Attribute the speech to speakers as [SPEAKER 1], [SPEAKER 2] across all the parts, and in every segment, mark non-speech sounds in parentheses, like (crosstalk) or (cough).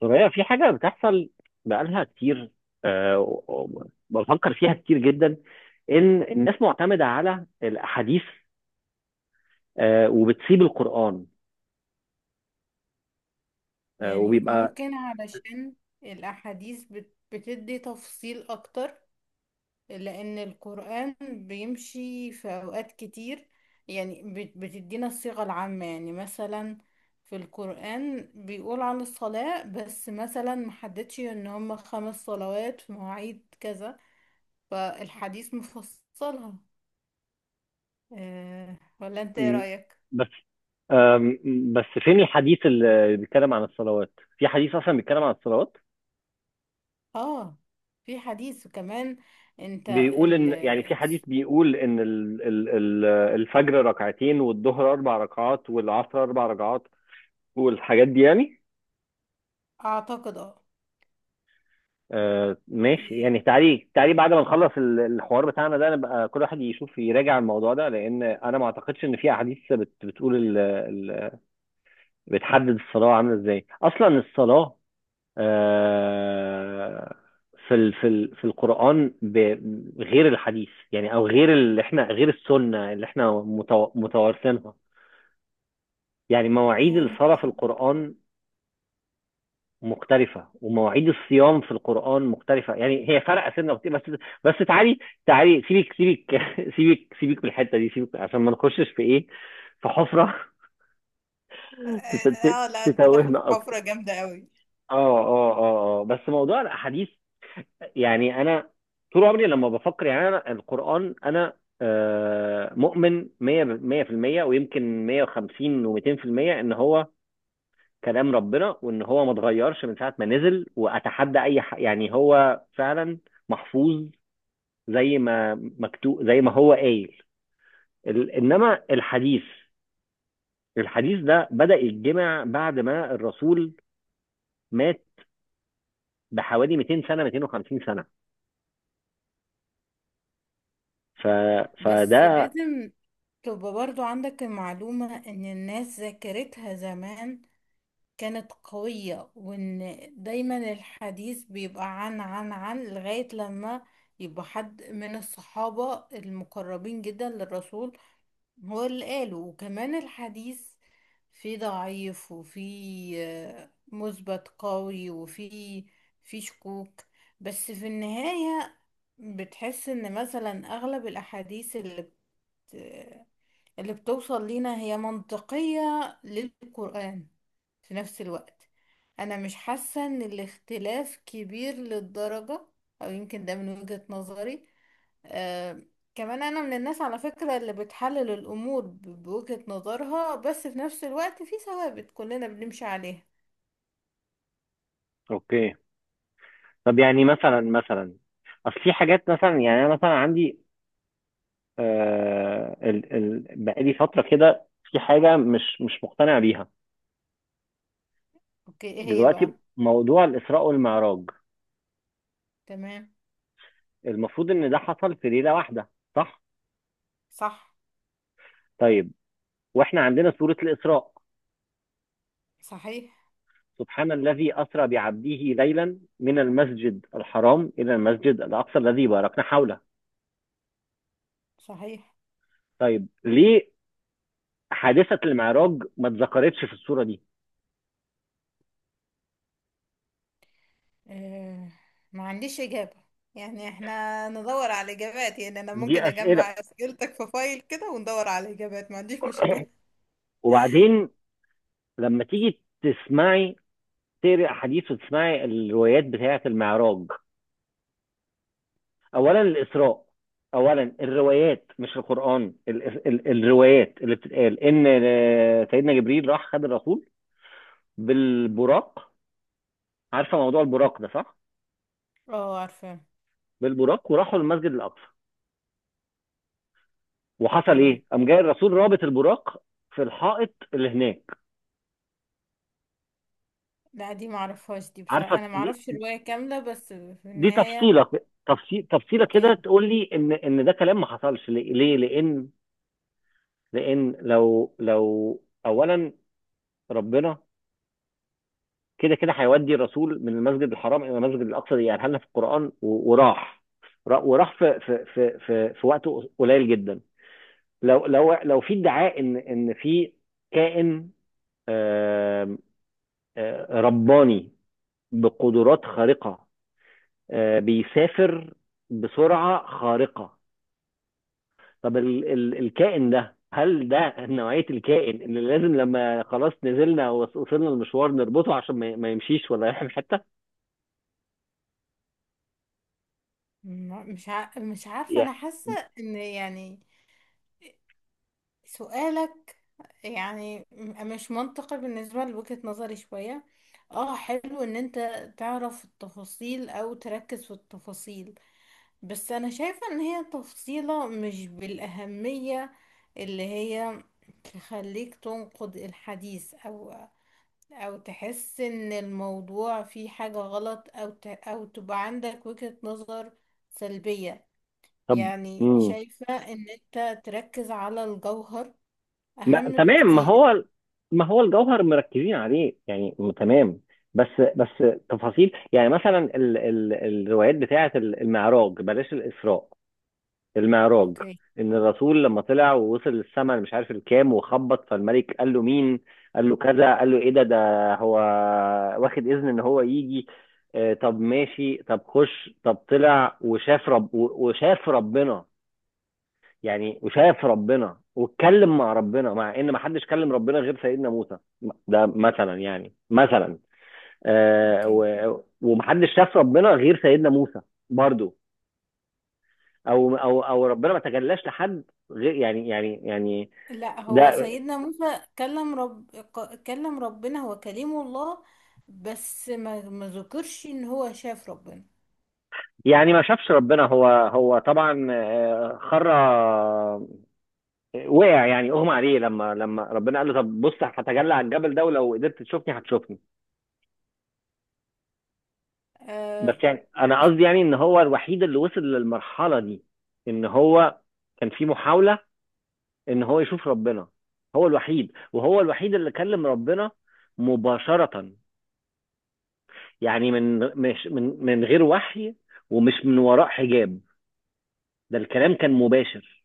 [SPEAKER 1] سوريا في حاجة بتحصل بقالها كتير. و- و- وبفكر فيها كتير جدا، إن الناس معتمدة على الأحاديث. آه، وبتسيب القرآن. آه،
[SPEAKER 2] يعني
[SPEAKER 1] وبيبقى.
[SPEAKER 2] ممكن علشان الأحاديث بتدي تفصيل أكتر، لأن القرآن بيمشي في أوقات كتير. يعني بتدينا الصيغة العامة، يعني مثلا في القرآن بيقول عن الصلاة، بس مثلا محددش إن هما 5 صلوات في مواعيد كذا، فالحديث مفصلها. أه، ولا أنت إيه
[SPEAKER 1] م-
[SPEAKER 2] رأيك؟
[SPEAKER 1] بس. آم، بس فين الحديث اللي بيتكلم عن الصلوات؟ في حديث أصلا بيتكلم عن الصلوات.
[SPEAKER 2] آه، في حديث. وكمان أنت
[SPEAKER 1] بيقول
[SPEAKER 2] ال
[SPEAKER 1] إن يعني في حديث بيقول إن الفجر ركعتين والظهر أربع ركعات والعصر أربع ركعات والحاجات دي يعني.
[SPEAKER 2] أعتقد.
[SPEAKER 1] آه، ماشي. يعني تعالي تعالي بعد ما نخلص ال- الحوار بتاعنا ده، نبقى كل واحد يشوف يراجع الموضوع ده، لان انا ما اعتقدش ان في احاديث بت بتقول ال بتحدد الصلاه عامله ازاي اصلا الصلاه. آه، في ال في ال في القران غير الحديث، يعني او غير اللي احنا غير السنه اللي احنا متوارثينها. يعني مواعيد
[SPEAKER 2] يعني
[SPEAKER 1] الصلاه في القران مختلفة، ومواعيد الصيام في القرآن مختلفة. يعني هي فرق سنة بس. بس تعالي تعالي، سيبك سيبك (laughs) سيبك سيبك من الحتة دي، سيبك عشان ما نخشش في ايه، في حفرة. (laughs)
[SPEAKER 2] اه، لا، انت داخل في
[SPEAKER 1] تتوهنا اكتر.
[SPEAKER 2] حفرة جامدة قوي.
[SPEAKER 1] اه اه اه اه، بس موضوع الاحاديث. يعني انا طول عمري لما بفكر، يعني انا القرآن، انا مؤمن 100 100% ويمكن 150 و200% ان هو كلام ربنا، وان هو ما اتغيرش من ساعه ما نزل، واتحدى اي يعني هو فعلا محفوظ، زي ما مكتوب، زي ما هو قايل. انما الحديث ده بدأ يتجمع بعد ما الرسول مات بحوالي 200 سنه، 250 سنه. ف...
[SPEAKER 2] بس
[SPEAKER 1] فده.
[SPEAKER 2] لازم تبقى برضو عندك المعلومة ان الناس ذاكرتها زمان كانت قوية، وان دايما الحديث بيبقى عن لغاية لما يبقى حد من الصحابة المقربين جدا للرسول هو اللي قاله. وكمان الحديث فيه ضعيف، وفيه مثبت قوي، وفيه شكوك. بس في النهاية بتحس ان مثلا اغلب الاحاديث اللي بتوصل لينا هي منطقية للقرآن. في نفس الوقت انا مش حاسة ان الاختلاف كبير للدرجة، او يمكن ده من وجهة نظري. آه كمان انا من الناس على فكرة اللي بتحلل الامور بوجهة نظرها، بس في نفس الوقت في ثوابت كلنا بنمشي عليها.
[SPEAKER 1] اوكي، طب يعني مثلا، اصل في حاجات مثلا، يعني انا مثلا عندي بقالي فتره كده في حاجه مش مقتنع بيها.
[SPEAKER 2] اوكي، ايه هي
[SPEAKER 1] دلوقتي
[SPEAKER 2] بقى؟
[SPEAKER 1] موضوع الإسراء والمعراج،
[SPEAKER 2] تمام.
[SPEAKER 1] المفروض إن ده حصل في ليلة واحدة، صح؟
[SPEAKER 2] صح.
[SPEAKER 1] طيب، وإحنا عندنا سورة الإسراء:
[SPEAKER 2] صحيح.
[SPEAKER 1] سبحان الذي أسرى بعبده ليلا من المسجد الحرام إلى المسجد الأقصى الذي باركنا حوله.
[SPEAKER 2] صحيح.
[SPEAKER 1] طيب ليه حادثة المعراج ما اتذكرتش في السورة دي؟
[SPEAKER 2] آه، ما عنديش اجابة. يعني احنا ندور على اجابات. يعني انا ممكن
[SPEAKER 1] دي أسئلة.
[SPEAKER 2] اجمع اسئلتك في فايل كده وندور على اجابات، ما عنديش مشكلة.
[SPEAKER 1] (clears throat) وبعدين لما تيجي تسمعي، تقري أحاديث وتسمعي الروايات بتاعة المعراج. اولا الاسراء، اولا الروايات مش القران، ال الروايات اللي بتتقال، ان آه، سيدنا جبريل راح خد الرسول بالبراق. عارفه موضوع البراق ده؟ صح.
[SPEAKER 2] اه، عارفة.
[SPEAKER 1] بالبراق وراحوا للمسجد الاقصى، وحصل
[SPEAKER 2] تمام.
[SPEAKER 1] ايه؟ قام جاي الرسول رابط البراق في الحائط اللي هناك.
[SPEAKER 2] لا، دي معرفهاش، دي بصراحة
[SPEAKER 1] عارفه
[SPEAKER 2] انا
[SPEAKER 1] دي،
[SPEAKER 2] معرفش الرواية كاملة، بس في
[SPEAKER 1] دي
[SPEAKER 2] النهاية.
[SPEAKER 1] تفصيله. تفصيله كده
[SPEAKER 2] اوكي.
[SPEAKER 1] تقول لي ان ان ده كلام ما حصلش؟ ليه ليه؟ لان لان لو اولا، ربنا كده كده هيودي الرسول من المسجد الحرام الى المسجد الاقصى، يقرأها لنا في القران، وراح وراح في وقت قليل جدا. لو في ادعاء ان في كائن، آم، آه، رباني بقدرات خارقه، آه، بيسافر بسرعه خارقه. طب ال الكائن ده، هل ده نوعيه الكائن اللي لازم لما خلاص نزلنا ووصلنا المشوار نربطه عشان ما يمشيش ولا يروح في حته؟
[SPEAKER 2] مش عارفة.
[SPEAKER 1] Yeah.
[SPEAKER 2] انا حاسة ان يعني سؤالك يعني مش منطقي بالنسبة لوجهة نظري شوية. اه، حلو ان انت تعرف التفاصيل او تركز في التفاصيل. بس انا شايفة ان هي تفصيلة مش بالاهمية اللي هي تخليك تنقد الحديث، او تحس ان الموضوع فيه حاجة غلط، او تبقى عندك وجهة نظر سلبية.
[SPEAKER 1] طب.
[SPEAKER 2] يعني
[SPEAKER 1] مم.
[SPEAKER 2] شايفة ان انت تركز على الجوهر
[SPEAKER 1] ما
[SPEAKER 2] اهم
[SPEAKER 1] تمام، ما
[SPEAKER 2] بكتير.
[SPEAKER 1] هو ما هو الجوهر مركزين عليه، يعني تمام. بس بس تفاصيل. يعني مثلا ال الروايات بتاعه المعراج، بلاش الإسراء، المعراج.
[SPEAKER 2] اوكي.
[SPEAKER 1] ان الرسول لما طلع ووصل السماء مش عارف الكام، وخبط فالملك قال له: مين؟ قال له كذا، قال له: ايه ده؟ ده هو واخد اذن ان هو يجي. آه، طب ماشي، طب خش، طب طلع وشاف ربنا. يعني وشايف ربنا واتكلم مع ربنا، مع ان ما حدش كلم ربنا غير سيدنا موسى. ده مثلا، يعني مثلا،
[SPEAKER 2] اوكي.
[SPEAKER 1] ومحدش شاف ربنا غير سيدنا موسى برضو. او ربنا ما تجلاش لحد غير، يعني
[SPEAKER 2] لا، هو
[SPEAKER 1] ده.
[SPEAKER 2] سيدنا موسى كلم ربنا، هو كليم الله. بس ما ذكرش ان هو شاف ربنا.
[SPEAKER 1] يعني ما شافش ربنا. هو طبعا آه، خر آه، وقع، يعني اغمى عليه لما لما ربنا قال له: طب بص، هتجلى على الجبل ده، ولو قدرت تشوفني هتشوفني. بس
[SPEAKER 2] اه.
[SPEAKER 1] يعني انا قصدي، يعني ان هو الوحيد اللي وصل للمرحله دي، ان هو كان في محاوله ان هو يشوف ربنا. هو الوحيد، وهو الوحيد اللي كلم ربنا مباشره، يعني من مش من غير وحي، ومش من وراء حجاب. ده الكلام كان مباشر،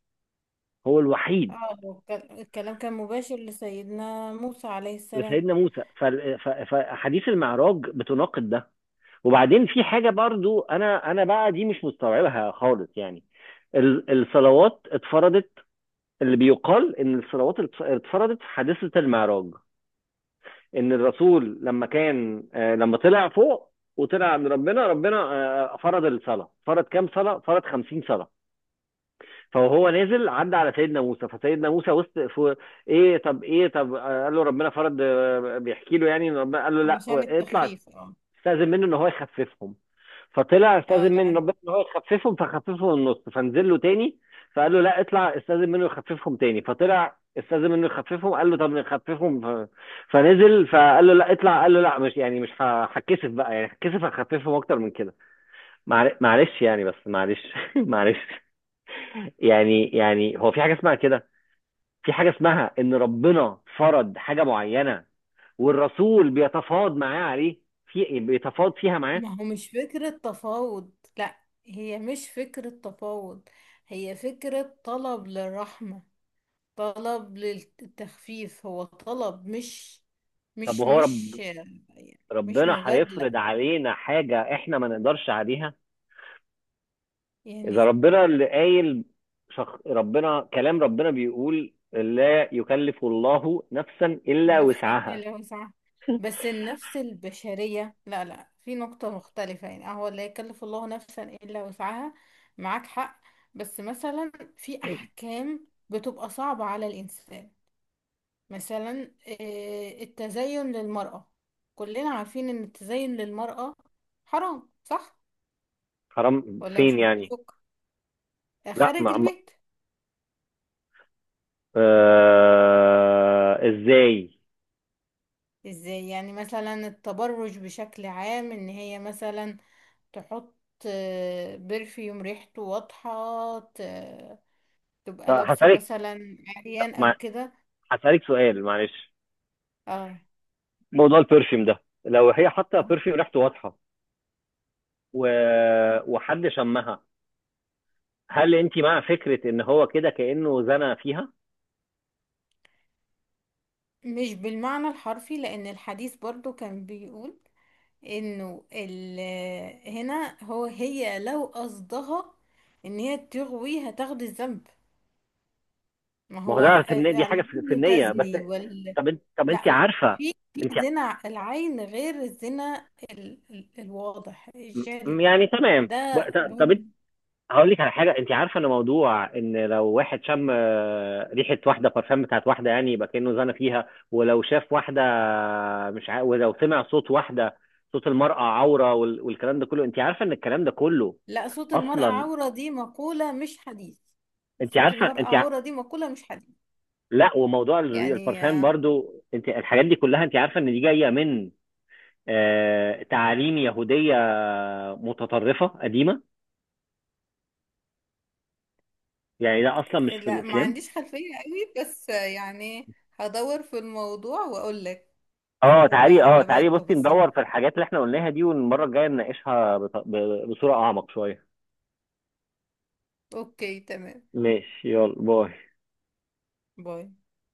[SPEAKER 1] هو الوحيد
[SPEAKER 2] هو الكلام كان مباشر لسيدنا موسى عليه السلام.
[SPEAKER 1] سيدنا موسى. فاحاديث المعراج بتناقض ده. وبعدين في حاجه برضو انا بقى دي مش مستوعبها خالص. يعني الصلوات اتفرضت، اللي بيقال ان الصلوات اتفرضت في حادثة المعراج. ان الرسول لما كان آه، لما طلع فوق وطلع عند ربنا، فرض الصلاة. فرض كام صلاة؟ فرض 50 صلاة. فهو نازل عدى على سيدنا موسى، فسيدنا موسى وسط في ايه، طب ايه، طب قال له ربنا فرض، بيحكي له يعني إن ربنا قال له: لا،
[SPEAKER 2] علشان
[SPEAKER 1] اطلع
[SPEAKER 2] التخفيف، اه.
[SPEAKER 1] استاذن منه ان هو يخففهم. فطلع
[SPEAKER 2] اه،
[SPEAKER 1] استاذن منه
[SPEAKER 2] لا،
[SPEAKER 1] ربنا ان هو يخففهم، فخففهم النص، فنزل له تاني، فقال له: لا، اطلع استاذن منه يخففهم تاني. فطلع استاذن منه يخففهم، قال له: طب نخففهم. فنزل، فقال له: لا، اطلع. قال له: لا، مش يعني مش هتكسف بقى، يعني هتكسف، هخففهم اكتر من كده. معلش، يعني بس معلش. (laughs) معلش. يعني هو في حاجه اسمها كده، في حاجه اسمها ان ربنا فرض حاجه معينه، والرسول بيتفاوض معاه عليه، في بيتفاوض فيها معاه.
[SPEAKER 2] ما هو مش فكرة تفاوض، لا. هي مش فكرة تفاوض. هي فكرة طلب للرحمة. طلب للتخفيف، هو طلب مش
[SPEAKER 1] طب
[SPEAKER 2] مش
[SPEAKER 1] وهو
[SPEAKER 2] مش يعني مش
[SPEAKER 1] ربنا
[SPEAKER 2] مجادلة.
[SPEAKER 1] هيفرض علينا حاجة احنا ما نقدرش عليها؟ اذا
[SPEAKER 2] يعني
[SPEAKER 1] ربنا اللي قايل، ربنا، كلام ربنا بيقول: لا يكلف الله نفسا الا
[SPEAKER 2] نفس
[SPEAKER 1] وسعها.
[SPEAKER 2] لو سمحت. بس النفس البشرية لا، لا، في نقطة مختلفة. يعني هو لا يكلف الله نفسا إلا وسعها. معاك حق. بس مثلا في أحكام بتبقى صعبة على الإنسان. مثلا التزين للمرأة، كلنا عارفين ان التزين للمرأة حرام، صح
[SPEAKER 1] حرام
[SPEAKER 2] ولا
[SPEAKER 1] فين
[SPEAKER 2] مش
[SPEAKER 1] يعني؟
[SPEAKER 2] متفق؟
[SPEAKER 1] لا،
[SPEAKER 2] خارج
[SPEAKER 1] ما... ما...
[SPEAKER 2] البيت.
[SPEAKER 1] آه... ازاي؟
[SPEAKER 2] ازاي؟ يعني مثلا التبرج بشكل عام، ان هي مثلا تحط برفيوم ريحته واضحة، تبقى
[SPEAKER 1] طب
[SPEAKER 2] لابسة
[SPEAKER 1] هسألك،
[SPEAKER 2] مثلا عريان
[SPEAKER 1] مع...
[SPEAKER 2] او كده.
[SPEAKER 1] هسألك سؤال، معلش.
[SPEAKER 2] اه.
[SPEAKER 1] موضوع البرفيوم ده، لو هي حاطه
[SPEAKER 2] آه.
[SPEAKER 1] برفيوم ريحته واضحه، و... وحد شمها، هل انت مع فكره ان هو كده كانه زنى فيها؟
[SPEAKER 2] مش بالمعنى الحرفي، لان الحديث برضو كان بيقول انه هنا هي لو قصدها ان هي تغوي هتاخد الذنب. ما
[SPEAKER 1] ما هو
[SPEAKER 2] هو
[SPEAKER 1] ده في النية، دي حاجه في
[SPEAKER 2] العين
[SPEAKER 1] النيه بس.
[SPEAKER 2] تزني.
[SPEAKER 1] طب انت، طب انت
[SPEAKER 2] لا، لا،
[SPEAKER 1] عارفه،
[SPEAKER 2] في
[SPEAKER 1] انت
[SPEAKER 2] زنا العين غير الزنا الواضح الجاري.
[SPEAKER 1] يعني تمام،
[SPEAKER 2] ده
[SPEAKER 1] طب
[SPEAKER 2] برضه.
[SPEAKER 1] انت، هقول لك على حاجه. انت عارفه ان موضوع ان لو واحد شم آه، ريحه واحده، بارفان بتاعت واحده، يعني يبقى كانه زنى فيها، ولو شاف واحده مش عارف، ولو سمع صوت واحده، صوت المرأة عورة، والكلام ده كله، انت عارفه ان الكلام ده كله
[SPEAKER 2] لا، صوت المرأة
[SPEAKER 1] اصلا،
[SPEAKER 2] عورة دي مقولة مش حديث.
[SPEAKER 1] انت
[SPEAKER 2] صوت
[SPEAKER 1] عارفه،
[SPEAKER 2] المرأة عورة دي مقولة مش حديث.
[SPEAKER 1] لا. وموضوع
[SPEAKER 2] يعني
[SPEAKER 1] البرفان برضو، انت الحاجات دي كلها، انت عارفه ان دي جايه من آه، تعاليم يهودية متطرفة قديمة، يعني ده أصلا مش في
[SPEAKER 2] لا، ما
[SPEAKER 1] الإسلام.
[SPEAKER 2] عنديش خلفية قوي، بس يعني هدور في الموضوع واقول لك.
[SPEAKER 1] اه
[SPEAKER 2] ده
[SPEAKER 1] تعالي، اه
[SPEAKER 2] على بقى
[SPEAKER 1] تعالي، بصي
[SPEAKER 2] التفاصيل.
[SPEAKER 1] ندور في الحاجات اللي احنا قلناها دي، والمرة الجاية نناقشها بصورة أعمق شوية.
[SPEAKER 2] اوكي تمام.
[SPEAKER 1] ماشي، يلا باي.
[SPEAKER 2] باي.